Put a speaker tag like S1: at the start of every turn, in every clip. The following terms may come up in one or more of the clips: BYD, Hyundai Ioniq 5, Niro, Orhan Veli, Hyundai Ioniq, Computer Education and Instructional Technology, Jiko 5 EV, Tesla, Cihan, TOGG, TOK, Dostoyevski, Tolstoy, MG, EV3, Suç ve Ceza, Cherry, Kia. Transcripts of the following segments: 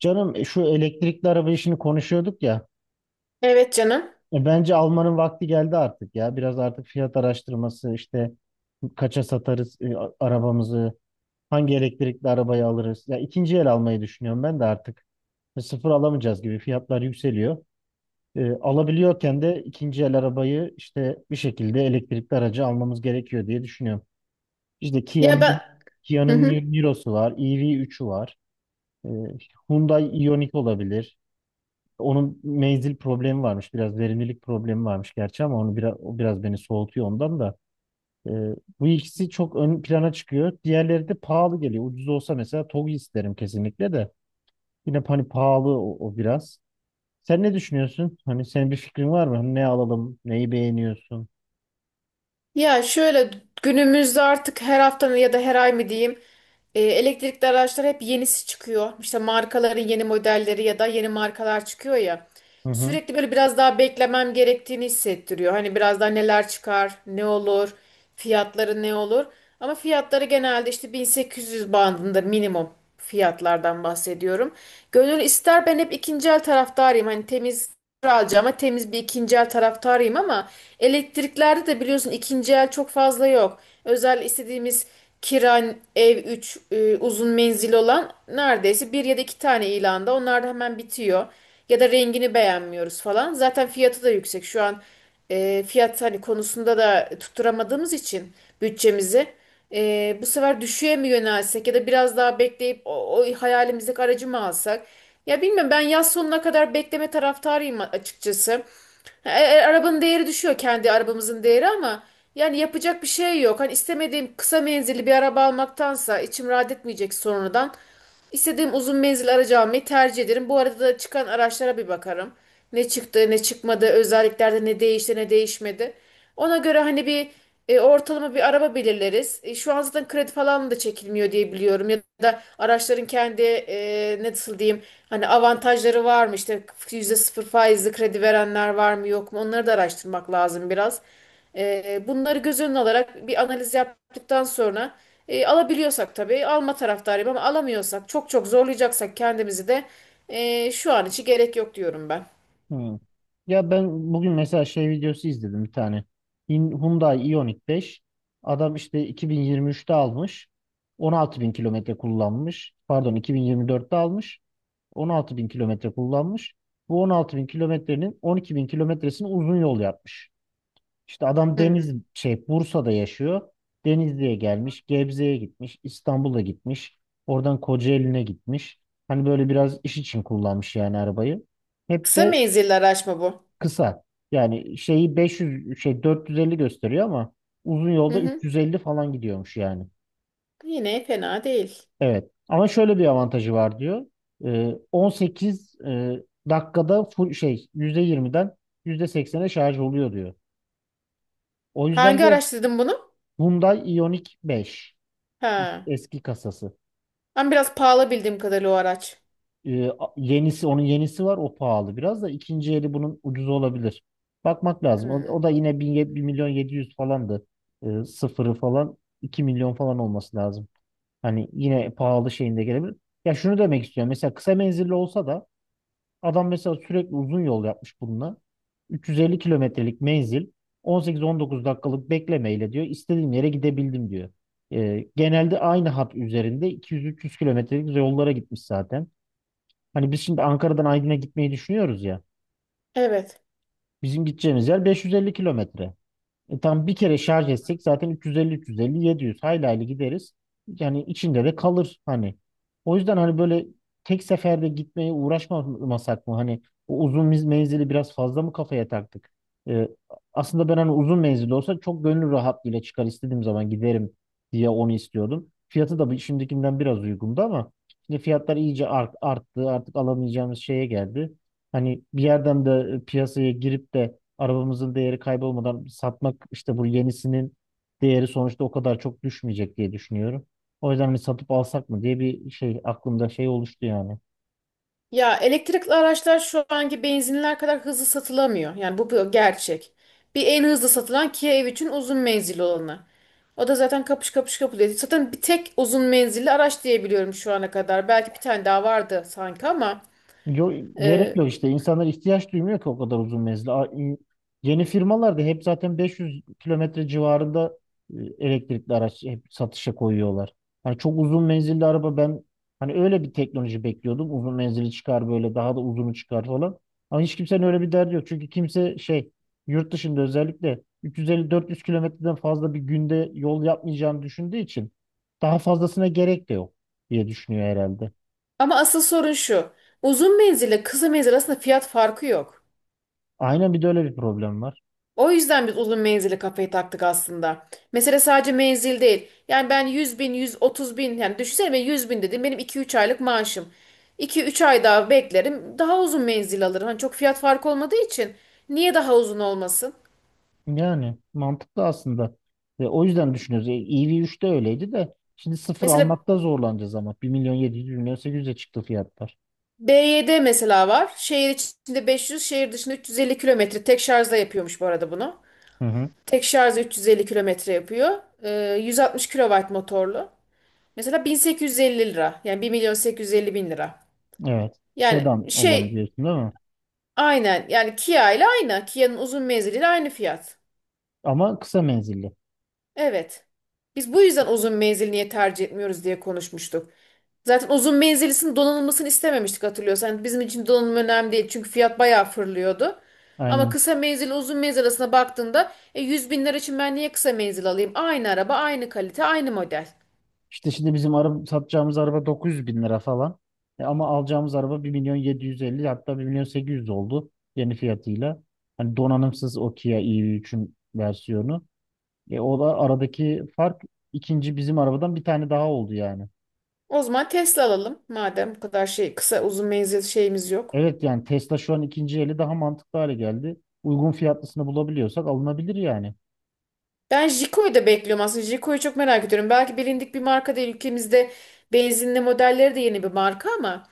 S1: Canım şu elektrikli araba işini konuşuyorduk ya.
S2: Evet canım.
S1: Bence almanın vakti geldi artık ya. Biraz artık fiyat araştırması işte kaça satarız arabamızı, hangi elektrikli arabayı alırız. Ya ikinci el almayı düşünüyorum ben de artık. Sıfır alamayacağız gibi fiyatlar yükseliyor. Alabiliyorken de ikinci el arabayı işte bir şekilde elektrikli aracı almamız gerekiyor diye düşünüyorum. İşte
S2: Ya
S1: Kia'nın
S2: ben Hı
S1: Kia'nın
S2: hı.
S1: Ni- Niro'su var, EV3'ü var. E, Hyundai Ioniq olabilir. Onun menzil problemi varmış. Biraz verimlilik problemi varmış gerçi ama o biraz beni soğutuyor ondan da. Ee, Bu ikisi çok ön plana çıkıyor. Diğerleri de pahalı geliyor. Ucuz olsa mesela TOGG isterim kesinlikle de. Yine hani pahalı o biraz. Sen ne düşünüyorsun? Hani senin bir fikrin var mı? Hani ne alalım? Neyi beğeniyorsun?
S2: Ya şöyle, günümüzde artık her hafta mı ya da her ay mı diyeyim, elektrikli araçlar hep yenisi çıkıyor. İşte markaların yeni modelleri ya da yeni markalar çıkıyor ya.
S1: Hı hı.
S2: Sürekli böyle biraz daha beklemem gerektiğini hissettiriyor. Hani biraz daha neler çıkar, ne olur, fiyatları ne olur. Ama fiyatları genelde işte 1800 bandında minimum, fiyatlardan bahsediyorum. Gönül ister, ben hep ikinci el taraftarıyım. Hani temiz alacağım ama temiz bir ikinci el taraftarıyım, ama elektriklerde de biliyorsun ikinci el çok fazla yok. Özel istediğimiz Kiran ev 3 uzun menzil olan neredeyse bir ya da iki tane ilanda, onlar da hemen bitiyor. Ya da rengini beğenmiyoruz falan. Zaten fiyatı da yüksek. Şu an fiyat hani konusunda da tutturamadığımız için bütçemizi. Bu sefer düşüğe mi yönelsek ya da biraz daha bekleyip o hayalimizdeki aracı mı alsak? Ya bilmiyorum, ben yaz sonuna kadar bekleme taraftarıyım açıkçası. Arabanın değeri düşüyor, kendi arabamızın değeri, ama yani yapacak bir şey yok. Hani istemediğim kısa menzilli bir araba almaktansa içim rahat etmeyecek sonradan. İstediğim uzun menzil aracı almayı tercih ederim. Bu arada da çıkan araçlara bir bakarım. Ne çıktı, ne çıkmadı, özelliklerde ne değişti, ne değişmedi. Ona göre hani bir ortalama bir araba belirleriz. Şu an zaten kredi falan da çekilmiyor diye biliyorum. Ya da araçların kendi, ne nasıl diyeyim, hani avantajları var mı? İşte %0 faizli kredi verenler var mı yok mu? Onları da araştırmak lazım biraz. Bunları göz önüne alarak bir analiz yaptıktan sonra alabiliyorsak tabii alma taraftarıyım, ama alamıyorsak, çok çok zorlayacaksak kendimizi de, şu an için gerek yok diyorum ben.
S1: Hmm. Ya ben bugün mesela şey videosu izledim bir tane. Hyundai Ioniq 5. Adam işte 2023'te almış. 16 bin kilometre kullanmış. Pardon, 2024'te almış. 16 bin kilometre kullanmış. Bu 16 bin kilometrenin 12 bin kilometresini uzun yol yapmış. İşte adam Deniz
S2: Hmm.
S1: şey Bursa'da yaşıyor. Denizli'ye gelmiş, Gebze'ye gitmiş, İstanbul'a gitmiş. Oradan Kocaeli'ne gitmiş. Hani böyle biraz iş için kullanmış yani arabayı. Hep
S2: Kısa
S1: de.
S2: menzilli araç mı bu?
S1: Kısa. Yani şeyi 500, şey, 450 gösteriyor ama uzun
S2: Hı
S1: yolda
S2: hı.
S1: 350 falan gidiyormuş yani.
S2: Yine fena değil.
S1: Evet. Ama şöyle bir avantajı var diyor. 18 dakikada full şey %20'den %80'e şarj oluyor diyor. O yüzden
S2: Hangi
S1: diyor
S2: araç dedim bunu?
S1: Hyundai Ioniq 5
S2: Ha.
S1: eski kasası.
S2: Ama biraz pahalı bildiğim kadarıyla o araç.
S1: E, a- yenisi onun yenisi var, o pahalı, biraz da ikinci eli bunun ucuz olabilir. Bakmak lazım. O
S2: Hmm.
S1: da yine 1 milyon 700 falandı. Sıfırı falan 2 milyon falan olması lazım. Hani yine pahalı şeyinde gelebilir. Ya şunu demek istiyorum. Mesela kısa menzilli olsa da adam mesela sürekli uzun yol yapmış bununla. 350 kilometrelik menzil, 18-19 dakikalık beklemeyle diyor istediğim yere gidebildim diyor. Genelde aynı hat üzerinde 200-300 kilometrelik yollara gitmiş zaten. Hani biz şimdi Ankara'dan Aydın'a gitmeyi düşünüyoruz ya.
S2: Evet.
S1: Bizim gideceğimiz yer 550 kilometre. Tam bir kere şarj etsek zaten 350 350 700 hayli hayli gideriz. Yani içinde de kalır hani. O yüzden hani böyle tek seferde gitmeye uğraşmasak mı? Hani o uzun menzili biraz fazla mı kafaya taktık? E, Aslında ben hani uzun menzili olsa çok gönül rahatlığıyla çıkar istediğim zaman giderim diye onu istiyordum. Fiyatı da şimdikinden biraz uygundu ama şimdi fiyatlar iyice arttı. Artık alamayacağımız şeye geldi. Hani bir yerden de piyasaya girip de arabamızın değeri kaybolmadan satmak işte bu yenisinin değeri sonuçta o kadar çok düşmeyecek diye düşünüyorum. O yüzden hani satıp alsak mı diye bir şey aklımda şey oluştu yani.
S2: Ya elektrikli araçlar şu anki benzinler kadar hızlı satılamıyor. Yani bu bir gerçek. Bir en hızlı satılan Kia EV3'ün uzun menzilli olanı. O da zaten kapış kapış kapılıyor. Zaten bir tek uzun menzilli araç diyebiliyorum şu ana kadar. Belki bir tane daha vardı sanki
S1: Yo, gerek
S2: e,
S1: yok işte. İnsanlar ihtiyaç duymuyor ki o kadar uzun menzili. Yeni firmalar da hep zaten 500 kilometre civarında elektrikli araç hep satışa koyuyorlar. Hani çok uzun menzilli araba ben hani öyle bir teknoloji bekliyordum. Uzun menzili çıkar, böyle daha da uzunu çıkar falan. Ama hiç kimsenin öyle bir derdi yok. Çünkü kimse şey, yurt dışında özellikle 350-400 kilometreden fazla bir günde yol yapmayacağını düşündüğü için daha fazlasına gerek de yok diye düşünüyor herhalde.
S2: ama asıl sorun şu. Uzun menzille kısa menzil arasında fiyat farkı yok.
S1: Aynen, bir de öyle bir problem var.
S2: O yüzden biz uzun menzili kafayı taktık aslında. Mesela sadece menzil değil. Yani ben 100 bin, 130 bin, yani düşünsene, ben 100 bin dedim benim 2-3 aylık maaşım. 2-3 ay daha beklerim, daha uzun menzil alırım. Hani çok fiyat farkı olmadığı için niye daha uzun olmasın?
S1: Yani mantıklı aslında. Ve o yüzden düşünüyoruz. EV3'te öyleydi de şimdi sıfır
S2: Mesela
S1: almakta zorlanacağız ama bir milyon 700, 1 milyon 800'e çıktı fiyatlar.
S2: BYD mesela var. Şehir içinde 500, şehir dışında 350 kilometre. Tek şarjla yapıyormuş bu arada bunu.
S1: Hı hı.
S2: Tek şarjla 350 kilometre yapıyor. 160 kilowatt motorlu. Mesela 1850 lira. Yani 1 milyon 850 bin lira.
S1: Evet.
S2: Yani
S1: Sedan olanı diyorsun değil mi?
S2: aynen, yani Kia ile aynı. Kia'nın uzun menziliyle aynı fiyat.
S1: Ama kısa menzilli.
S2: Evet. Biz bu
S1: İşte,
S2: yüzden uzun menzil niye tercih etmiyoruz diye konuşmuştuk. Zaten uzun menzilisinin donanılmasını istememiştik, hatırlıyorsan. Yani bizim için donanım önemli değil çünkü fiyat bayağı fırlıyordu. Ama
S1: aynen.
S2: kısa menzil uzun menzil arasına baktığında, 100 bin lira için ben niye kısa menzil alayım? Aynı araba, aynı kalite, aynı model.
S1: İşte şimdi bizim araba, satacağımız araba 900 bin lira falan. Ama alacağımız araba 1 milyon 750 bin, hatta 1 milyon 800 bin oldu yeni fiyatıyla. Hani donanımsız o Kia EV3'ün versiyonu. O da aradaki fark ikinci bizim arabadan bir tane daha oldu yani.
S2: O zaman Tesla alalım madem bu kadar kısa uzun menzil şeyimiz yok.
S1: Evet, yani Tesla şu an ikinci eli daha mantıklı hale geldi. Uygun fiyatlısını bulabiliyorsak alınabilir yani.
S2: Ben Jiko'yu da bekliyorum aslında. Jiko'yu çok merak ediyorum. Belki bilindik bir marka değil. Ülkemizde benzinli modelleri de yeni bir marka ama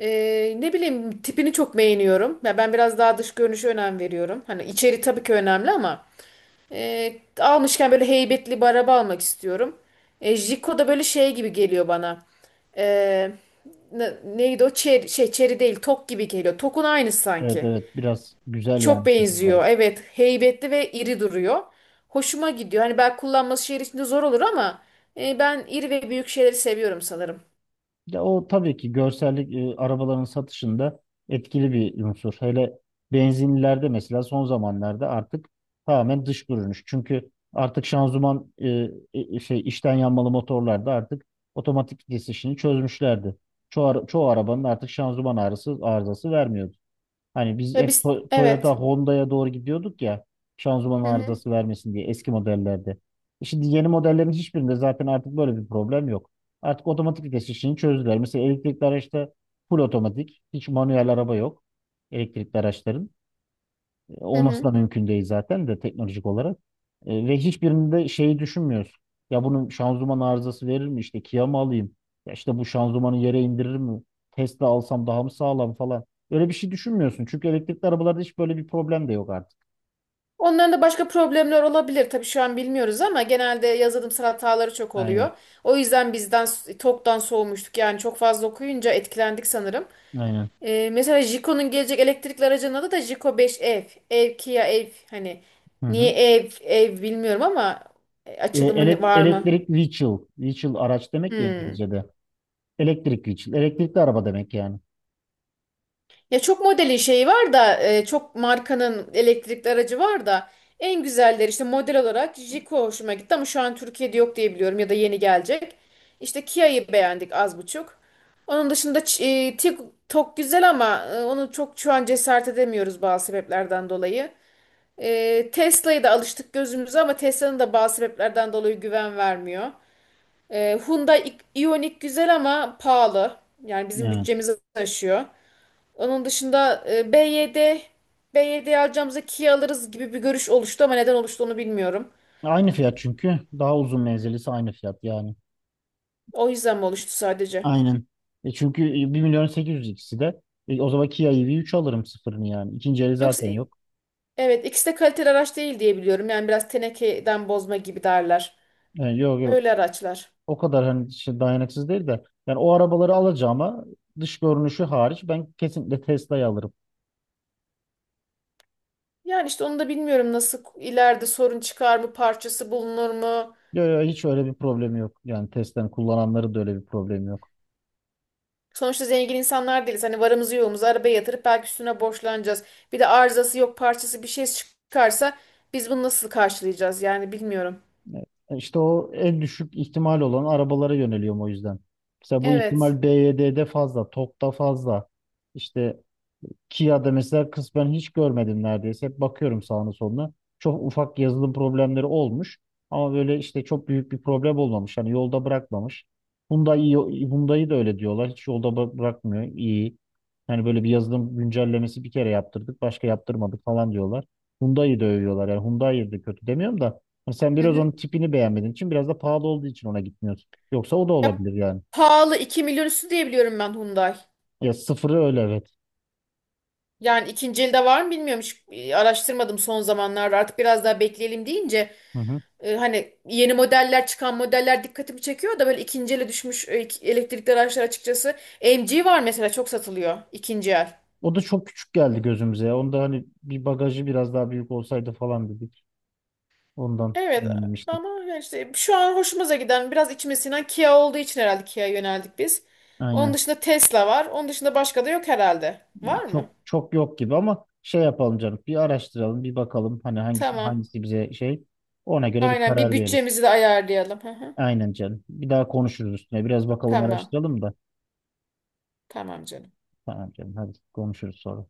S2: e, ne bileyim, tipini çok beğeniyorum. Ya ben biraz daha dış görünüşe önem veriyorum. Hani içeri tabii ki önemli ama e, almışken böyle heybetli bir araba almak istiyorum. Jiko da böyle şey gibi geliyor bana. E, Neydi o? Cherry, Çeri değil. Tok gibi geliyor. Tokun aynısı
S1: Evet,
S2: sanki.
S1: evet, biraz güzel
S2: Çok
S1: yani şekilleri.
S2: benziyor. Evet, heybetli ve iri duruyor. Hoşuma gidiyor. Hani belki kullanması şehir içinde zor olur ama ben iri ve büyük şeyleri seviyorum sanırım.
S1: Ya o tabii ki görsellik arabaların satışında etkili bir unsur. Hele benzinlilerde mesela son zamanlarda artık tamamen dış görünüş. Çünkü artık şanzıman, şey, içten yanmalı motorlarda artık otomatik vites işini çözmüşlerdi. Çoğu arabanın artık şanzıman ağrısı, arızası vermiyordu. Hani biz
S2: Ya
S1: hep
S2: biz
S1: Toyota,
S2: evet.
S1: Honda'ya doğru gidiyorduk ya, şanzıman
S2: Hı hı,
S1: arızası vermesin diye eski modellerde. Şimdi yeni modellerin hiçbirinde zaten artık böyle bir problem yok. Artık otomatik vites işini çözdüler. Mesela elektrikli araçta full otomatik, hiç manuel araba yok elektrikli araçların.
S2: hı
S1: Olması da
S2: hı.
S1: mümkün değil zaten de teknolojik olarak. Ve hiçbirinde şeyi düşünmüyoruz. Ya bunun şanzıman arızası verir mi? İşte Kia mı alayım? Ya işte bu şanzımanı yere indirir mi? Tesla alsam daha mı sağlam falan. Öyle bir şey düşünmüyorsun. Çünkü elektrikli arabalarda hiç böyle bir problem de yok artık.
S2: Onların da başka problemler olabilir. Tabii şu an bilmiyoruz ama genelde yazılımsal hataları çok oluyor.
S1: Aynen.
S2: O yüzden TOK'tan soğumuştuk. Yani çok fazla okuyunca etkilendik sanırım.
S1: Aynen.
S2: Mesela Jiko'nun gelecek elektrikli aracının adı da Jiko 5 ev. Ev, Kia ev. Hani
S1: Hı
S2: niye
S1: hı.
S2: ev ev bilmiyorum ama açılımı var mı?
S1: Elektrik vehicle. Vehicle araç demek ya
S2: Hmm.
S1: İngilizce'de. Elektrik vehicle. Elektrikli araba demek yani.
S2: Ya çok modelin şeyi var da, çok markanın elektrikli aracı var da en güzelleri işte model olarak Jiko hoşuma gitti, ama şu an Türkiye'de yok diye biliyorum ya da yeni gelecek. İşte Kia'yı beğendik az buçuk. Onun dışında TikTok güzel ama onu çok şu an cesaret edemiyoruz bazı sebeplerden dolayı. Tesla'ya da alıştık gözümüze ama Tesla'nın da bazı sebeplerden dolayı güven vermiyor. Hyundai Ioniq güzel ama pahalı. Yani bizim
S1: Evet.
S2: bütçemizi aşıyor. Onun dışında BYD alacağımıza Kia alırız gibi bir görüş oluştu ama neden oluştu onu bilmiyorum.
S1: Aynı fiyat çünkü. Daha uzun menzilisi aynı fiyat yani.
S2: O yüzden mi oluştu sadece?
S1: Aynen. Çünkü 1 milyon 800 bin ikisi de. O zaman Kia EV3 alırım sıfırını yani. İkinci eli
S2: Yoksa
S1: zaten yok.
S2: evet, ikisi de kaliteli araç değil diye biliyorum. Yani biraz tenekeden bozma gibi derler.
S1: Yani, yok, yok.
S2: Öyle araçlar.
S1: O kadar hani şey dayanıksız değil de. Yani o arabaları alacağıma dış görünüşü hariç ben kesinlikle Tesla'yı alırım.
S2: Yani işte onu da bilmiyorum, nasıl ileride sorun çıkar mı, parçası bulunur mu?
S1: Yok, yok, hiç öyle bir problemi yok. Yani Tesla'nın kullananları da öyle bir problemi yok.
S2: Sonuçta zengin insanlar değiliz. Hani varımızı yoğumuzu arabaya yatırıp belki üstüne borçlanacağız. Bir de arızası yok, parçası bir şey çıkarsa biz bunu nasıl karşılayacağız yani bilmiyorum.
S1: İşte o en düşük ihtimal olan arabalara yöneliyorum o yüzden. Mesela bu
S2: Evet.
S1: ihtimal BYD'de fazla, TOGG'da fazla. İşte Kia'da mesela kısmen hiç görmedim neredeyse. Hep bakıyorum sağına soluna. Çok ufak yazılım problemleri olmuş. Ama böyle işte çok büyük bir problem olmamış. Hani yolda bırakmamış. Hyundai'yi de öyle diyorlar. Hiç yolda bırakmıyor. İyi. Yani böyle bir yazılım güncellemesi bir kere yaptırdık. Başka yaptırmadık falan diyorlar. Hyundai'yi de övüyorlar. Yani Hyundai'yi de kötü demiyorum da. Hani sen
S2: Hı
S1: biraz onun
S2: hı.
S1: tipini beğenmediğin için biraz da pahalı olduğu için ona gitmiyorsun. Yoksa o da
S2: Ya
S1: olabilir yani.
S2: pahalı, 2 milyon üstü diye biliyorum ben Hyundai.
S1: Ya sıfırı öyle, evet.
S2: Yani ikinci elde var mı bilmiyorum. Hiç araştırmadım son zamanlarda. Artık biraz daha bekleyelim deyince,
S1: Hı hı.
S2: hani yeni modeller çıkan modeller dikkatimi çekiyor da böyle ikinci ele düşmüş elektrikli araçlar açıkçası. MG var mesela, çok satılıyor ikinci el.
S1: O da çok küçük geldi gözümüze ya. Onda hani bir bagajı biraz daha büyük olsaydı falan dedik. Ondan
S2: Evet, ama
S1: denememiştik.
S2: yani işte şu an hoşumuza giden biraz içime sinen Kia olduğu için herhalde Kia'ya yöneldik biz. Onun
S1: Aynen.
S2: dışında Tesla var. Onun dışında başka da yok herhalde. Var mı?
S1: Çok çok yok gibi ama şey yapalım canım. Bir araştıralım, bir bakalım hani hangisi
S2: Tamam.
S1: hangisi bize şey. Ona göre bir
S2: Aynen, bir
S1: karar veririz.
S2: bütçemizi de ayarlayalım. Hı hı.
S1: Aynen canım. Bir daha konuşuruz üstüne. Biraz bakalım,
S2: Tamam.
S1: araştıralım da.
S2: Tamam canım.
S1: Tamam canım. Hadi konuşuruz sonra.